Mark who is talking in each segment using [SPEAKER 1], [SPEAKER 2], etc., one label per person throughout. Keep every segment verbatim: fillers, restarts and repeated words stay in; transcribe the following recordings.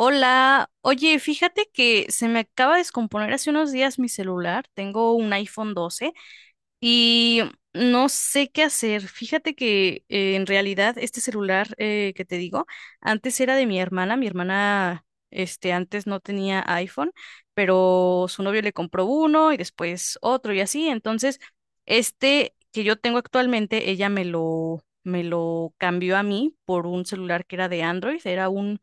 [SPEAKER 1] Hola, oye, fíjate que se me acaba de descomponer hace unos días mi celular, tengo un iPhone doce y no sé qué hacer. Fíjate que eh, en realidad este celular eh, que te digo, antes era de mi hermana, mi hermana este, antes no tenía iPhone, pero su novio le compró uno y después otro y así, entonces este que yo tengo actualmente, ella me lo, me lo cambió a mí por un celular que era de Android, era un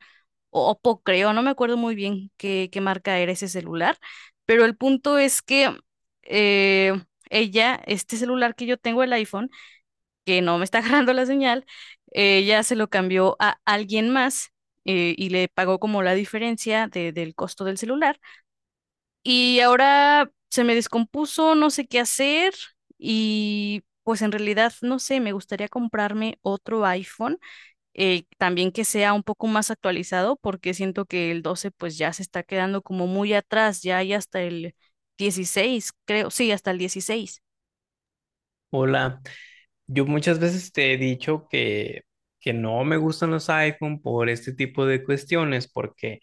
[SPEAKER 1] o Oppo creo, no me acuerdo muy bien qué, qué marca era ese celular, pero el punto es que eh, ella, este celular que yo tengo, el iPhone, que no me está agarrando la señal, ella se lo cambió a alguien más. eh, y le pagó como la diferencia de- del costo del celular. Y ahora se me descompuso, no sé qué hacer y pues en realidad no sé, me gustaría comprarme otro iPhone eh, también que sea un poco más actualizado, porque siento que el doce pues ya se está quedando como muy atrás, ya hay hasta el dieciséis, creo, sí, hasta el dieciséis.
[SPEAKER 2] Hola, yo muchas veces te he dicho que, que no me gustan los iPhone por este tipo de cuestiones, porque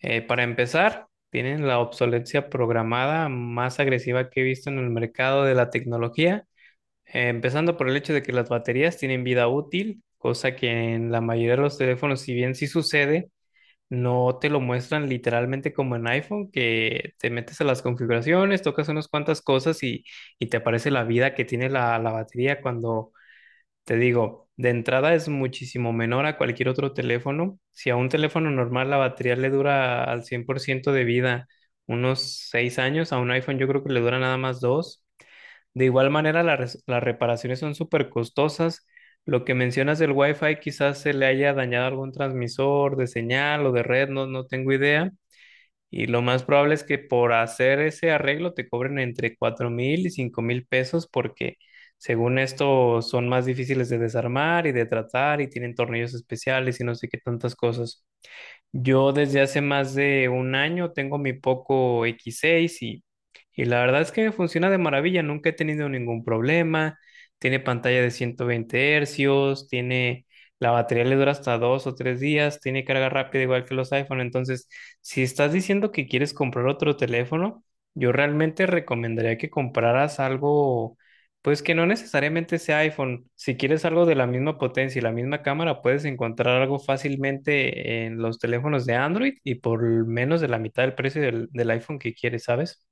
[SPEAKER 2] eh, para empezar, tienen la obsolescencia programada más agresiva que he visto en el mercado de la tecnología, eh, empezando por el hecho de que las baterías tienen vida útil, cosa que en la mayoría de los teléfonos, si bien sí sucede, no te lo muestran literalmente como en iPhone, que te metes a las configuraciones, tocas unas cuantas cosas y, y te aparece la vida que tiene la la batería cuando te digo, de entrada es muchísimo menor a cualquier otro teléfono. Si a un teléfono normal la batería le dura al cien por ciento de vida unos seis años, a un iPhone yo creo que le dura nada más dos. De igual manera, la res- las reparaciones son súper costosas. Lo que mencionas del Wi-Fi, quizás se le haya dañado algún transmisor de señal o de red, no, no tengo idea. Y lo más probable es que por hacer ese arreglo te cobren entre cuatro mil y cinco mil pesos porque según esto son más difíciles de desarmar y de tratar y tienen tornillos especiales y no sé qué tantas cosas. Yo desde hace más de un año tengo mi Poco X seis y, y la verdad es que me funciona de maravilla, nunca he tenido ningún problema, tiene pantalla de ciento veinte hercios, tiene, la batería le dura hasta dos o tres días, tiene carga rápida igual que los iPhone, entonces si estás diciendo que quieres comprar otro teléfono, yo realmente recomendaría que compraras algo pues que no necesariamente sea iPhone. Si quieres algo de la misma potencia y la misma cámara, puedes encontrar algo fácilmente en los teléfonos de Android y por menos de la mitad del precio del, del iPhone que quieres, ¿sabes?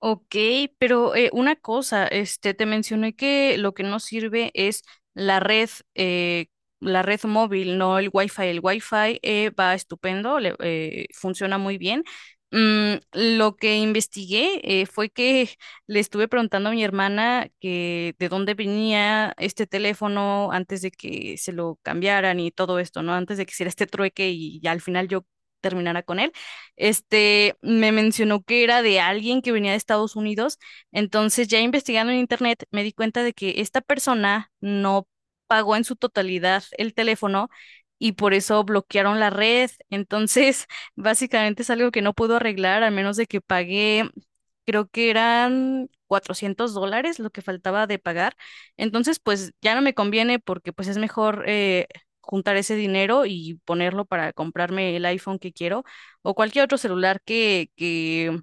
[SPEAKER 1] Ok, pero eh, una cosa, este, te mencioné que lo que no sirve es la red, eh, la red móvil, no el Wi-Fi. El Wi-Fi eh, va estupendo, le- eh, funciona muy bien. Mm, lo que investigué eh, fue que le estuve preguntando a mi hermana que de dónde venía este teléfono antes de que se lo cambiaran y todo esto, ¿no? Antes de que hiciera este trueque y ya al final yo terminara con él este, me mencionó que era de alguien que venía de Estados Unidos. Entonces, ya investigando en internet, me di cuenta de que esta persona no pagó en su totalidad el teléfono y por eso bloquearon la red. Entonces, básicamente es algo que no pudo arreglar, al menos de que pagué, creo que eran cuatrocientos dólares lo que faltaba de pagar. Entonces, pues ya no me conviene porque pues es mejor eh, juntar ese dinero y ponerlo para comprarme el iPhone que quiero o cualquier otro celular que, que,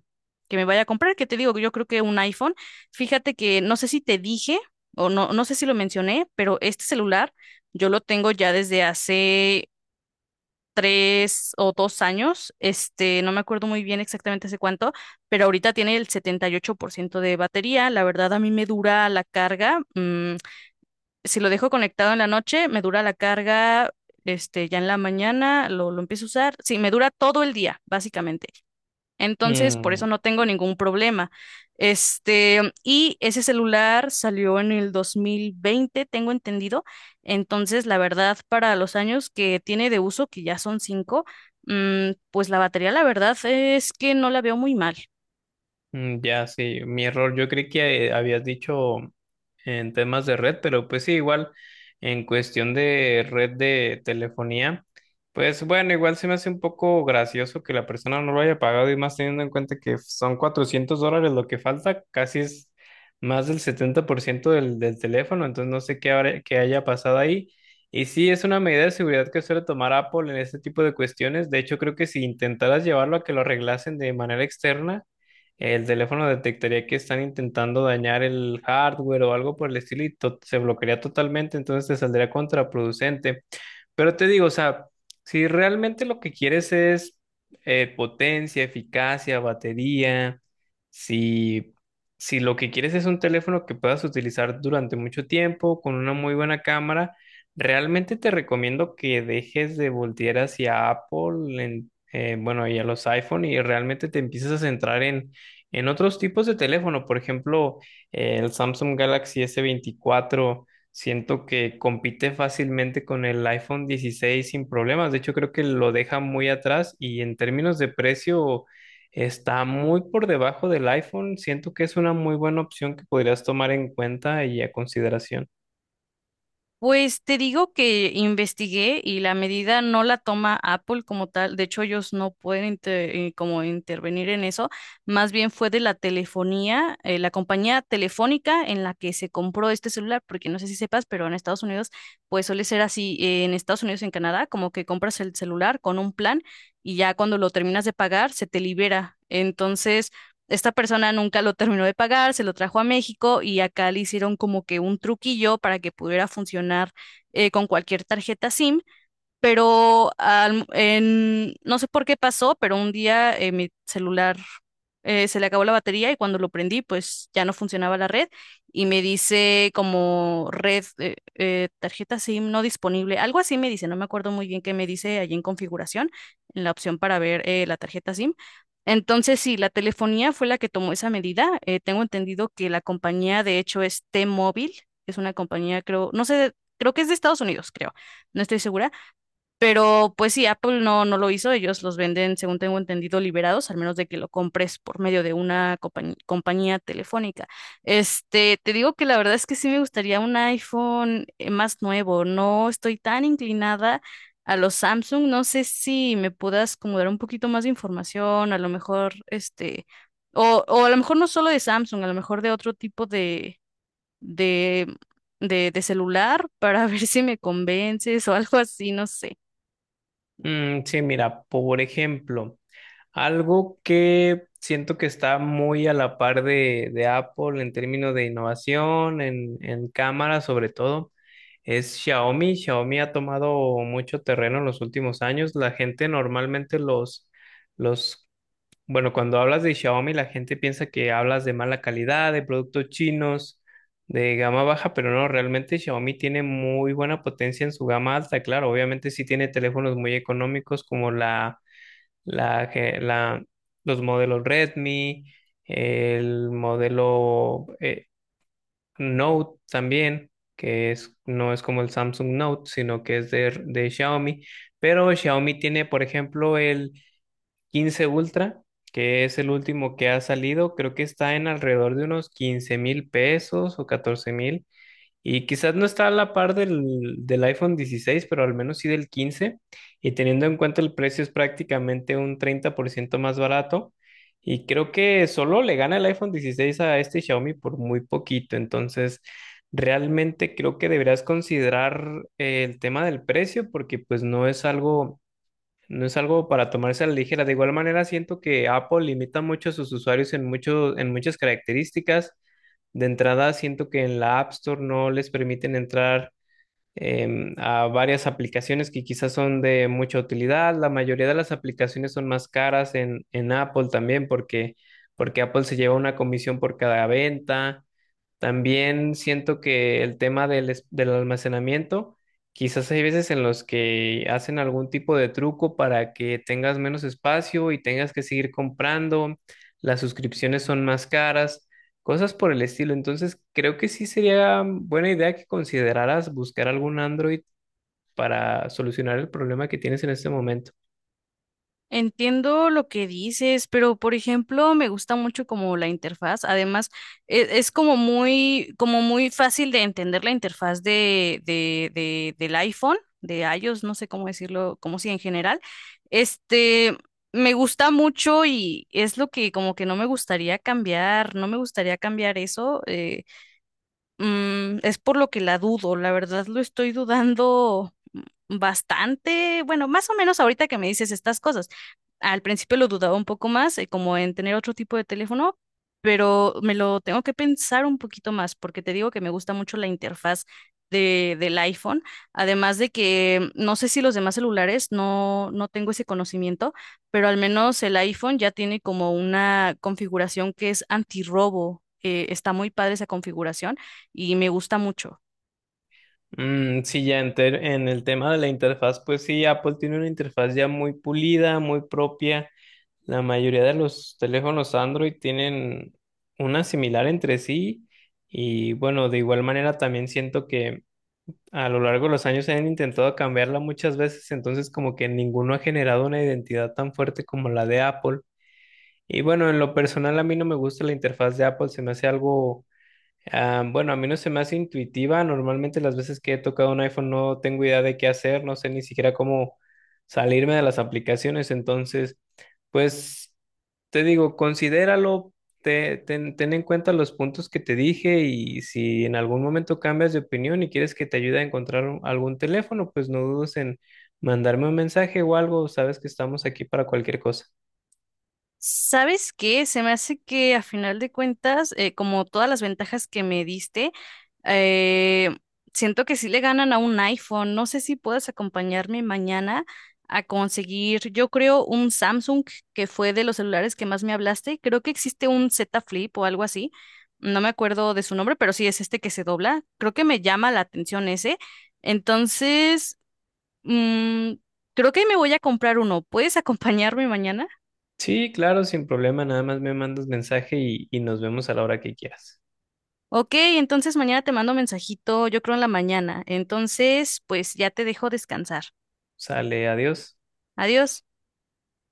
[SPEAKER 1] que me vaya a comprar, que te digo, que yo creo que un iPhone, fíjate que no sé si te dije o no, no sé si lo mencioné, pero este celular yo lo tengo ya desde hace tres o dos años, este, no me acuerdo muy bien exactamente hace cuánto, pero ahorita tiene el setenta y ocho por ciento de batería, la verdad a mí me dura la carga, mm, si lo dejo conectado en la noche, me dura la carga. Este, ya en la mañana lo, lo empiezo a usar. Sí, me dura todo el día, básicamente. Entonces, por
[SPEAKER 2] Mm.
[SPEAKER 1] eso no tengo ningún problema. Este, y ese celular salió en el dos mil veinte, tengo entendido. Entonces, la verdad, para los años que tiene de uso, que ya son cinco, mm, pues la batería, la verdad es que no la veo muy mal.
[SPEAKER 2] Mm. Ya, sí, mi error. Yo creí que eh, habías dicho en temas de red, pero pues sí, igual en cuestión de red de telefonía, pues bueno, igual se me hace un poco gracioso que la persona no lo haya pagado y más teniendo en cuenta que son cuatrocientos dólares lo que falta, casi es más del setenta por ciento del, del teléfono, entonces no sé qué, habrá- qué haya pasado ahí. Y sí, es una medida de seguridad que suele tomar Apple en este tipo de cuestiones. De hecho, creo que si intentaras llevarlo a que lo arreglasen de manera externa, el teléfono detectaría que están intentando dañar el hardware o algo por el estilo y to- se bloquearía totalmente, entonces te saldría contraproducente. Pero te digo, o sea, si realmente lo que quieres es eh, potencia, eficacia, batería, si, si lo que quieres es un teléfono que puedas utilizar durante mucho tiempo con una muy buena cámara, realmente te recomiendo que dejes de voltear hacia Apple, en- eh, bueno, y a los iPhone y realmente te empieces a centrar en, en, otros tipos de teléfono, por ejemplo, eh, el Samsung Galaxy s veinticuatro. Siento que compite fácilmente con el iPhone dieciséis sin problemas. De hecho, creo que lo deja muy atrás y en términos de precio está muy por debajo del iPhone. Siento que es una muy buena opción que podrías tomar en cuenta y a consideración.
[SPEAKER 1] Pues te digo que investigué y la medida no la toma Apple como tal. De hecho, ellos no pueden inter- eh, como intervenir en eso. Más bien fue de la telefonía, eh, la compañía telefónica en la que se compró este celular, porque no sé si sepas, pero en Estados Unidos, pues suele ser así. eh, en Estados Unidos y en Canadá, como que compras el celular con un plan y ya cuando lo terminas de pagar, se te libera. Entonces esta persona nunca lo terminó de pagar, se lo trajo a México y acá le hicieron como que un truquillo para que pudiera funcionar eh, con cualquier tarjeta SIM, pero al- en- no sé por qué pasó, pero un día eh, mi celular eh, se le acabó la batería y cuando lo prendí, pues ya no funcionaba la red y me dice como red, eh, eh, tarjeta SIM no disponible, algo así me dice, no me acuerdo muy bien qué me dice allí en configuración, en la opción para ver eh, la tarjeta SIM. Entonces, sí, la telefonía fue la que tomó esa medida. eh, tengo entendido que la compañía, de hecho, es T-Mobile, es una compañía, creo, no sé, creo que es de Estados Unidos, creo, no estoy segura, pero pues sí, Apple no, no lo hizo, ellos los venden, según tengo entendido, liberados, al menos de que lo compres por medio de una compañ- compañía telefónica. Este, te digo que la verdad es que sí me gustaría un iPhone eh, más nuevo, no estoy tan inclinada a los Samsung, no sé si me puedas como dar un poquito más de información, a lo mejor, este, o, o a lo mejor no solo de Samsung, a lo mejor de otro tipo de, de, de, de celular para ver si me convences o algo así, no sé.
[SPEAKER 2] Mm, sí, mira, por ejemplo. Algo que siento que está muy a la par de, de Apple en términos de innovación, en, en cámara sobre todo, es Xiaomi. Xiaomi ha tomado mucho terreno en los últimos años. La gente normalmente los, los, bueno, cuando hablas de Xiaomi, la gente piensa que hablas de mala calidad, de productos chinos, de gama baja, pero no, realmente Xiaomi tiene muy buena potencia en su gama alta. Claro, obviamente sí tiene teléfonos muy económicos como la la, que- la- los modelos Redmi, el modelo eh, Note también, que es, no es como el Samsung Note, sino que es de, de Xiaomi. Pero Xiaomi tiene, por ejemplo, el quince Ultra, que es el último que ha salido. Creo que está en alrededor de unos 15 mil pesos o 14 mil. Y quizás no está a la par del, del iPhone dieciséis, pero al menos sí del quince. Y teniendo en cuenta el precio es prácticamente un treinta por ciento más barato. Y creo que solo le gana el iPhone dieciséis a este Xiaomi por muy poquito. Entonces, realmente creo que deberías considerar eh, el tema del precio porque pues no es algo no es algo para tomarse a la ligera. De igual manera, siento que Apple limita mucho a sus usuarios en mucho- en muchas características. De entrada, siento que en la App Store no les permiten entrar em, a varias aplicaciones que quizás son de mucha utilidad. La mayoría de las aplicaciones son más caras en, en, Apple también porque, porque Apple se lleva una comisión por cada venta. También siento que el tema del, es- del almacenamiento, quizás hay veces en los que hacen algún tipo de truco para que tengas menos espacio y tengas que seguir comprando, las suscripciones son más caras, cosas por el estilo. Entonces, creo que sí sería buena idea que consideraras buscar algún Android para solucionar el problema que tienes en este momento.
[SPEAKER 1] Entiendo lo que dices, pero por ejemplo, me gusta mucho como la interfaz. Además, e- es, como muy, como muy fácil de entender la interfaz de, de, de, del iPhone, de iOS, no sé cómo decirlo, como si en general. Este, me gusta mucho y es lo que como que no me gustaría cambiar, no me gustaría cambiar eso. eh, Mm, es por lo que la dudo, la verdad lo estoy dudando bastante, bueno, más o menos ahorita que me dices estas cosas. Al principio lo dudaba un poco más, eh, como en tener otro tipo de teléfono, pero me lo tengo que pensar un poquito más porque te digo que me gusta mucho la interfaz de, del iPhone, además de que no sé si los demás celulares no, no tengo ese conocimiento, pero al menos el iPhone ya tiene como una configuración que es antirrobo. eh, está muy padre esa configuración y me gusta mucho.
[SPEAKER 2] Mm, sí, ya en, ter- en el tema de la interfaz, pues sí, Apple tiene una interfaz ya muy pulida, muy propia. La mayoría de los teléfonos Android tienen una similar entre sí y bueno, de igual manera también siento que a lo largo de los años se han intentado cambiarla muchas veces, entonces como que ninguno ha generado una identidad tan fuerte como la de Apple. Y bueno, en lo personal a mí no me gusta la interfaz de Apple, se me hace algo. Ah, bueno, a mí no se me hace intuitiva. Normalmente las veces que he tocado un iPhone no tengo idea de qué hacer, no sé ni siquiera cómo salirme de las aplicaciones. Entonces, pues te digo, considéralo, te- ten, ten en cuenta los puntos que te dije y si en algún momento cambias de opinión y quieres que te ayude a encontrar un- algún teléfono, pues no dudes en mandarme un mensaje o algo. Sabes que estamos aquí para cualquier cosa.
[SPEAKER 1] ¿Sabes qué? Se me hace que a final de cuentas, eh, como todas las ventajas que me diste, eh, siento que sí le ganan a un iPhone. No sé si puedes acompañarme mañana a conseguir, yo creo, un Samsung que fue de los celulares que más me hablaste. Creo que existe un Z Flip o algo así. No me acuerdo de su nombre, pero sí es este que se dobla. Creo que me llama la atención ese. Entonces, mm, creo que me voy a comprar uno. ¿Puedes acompañarme mañana?
[SPEAKER 2] Sí, claro, sin problema. Nada más me mandas mensaje y, y nos vemos a la hora que quieras.
[SPEAKER 1] Ok, entonces mañana te mando mensajito, yo creo en la mañana. Entonces, pues ya te dejo descansar.
[SPEAKER 2] Sale, adiós.
[SPEAKER 1] Adiós.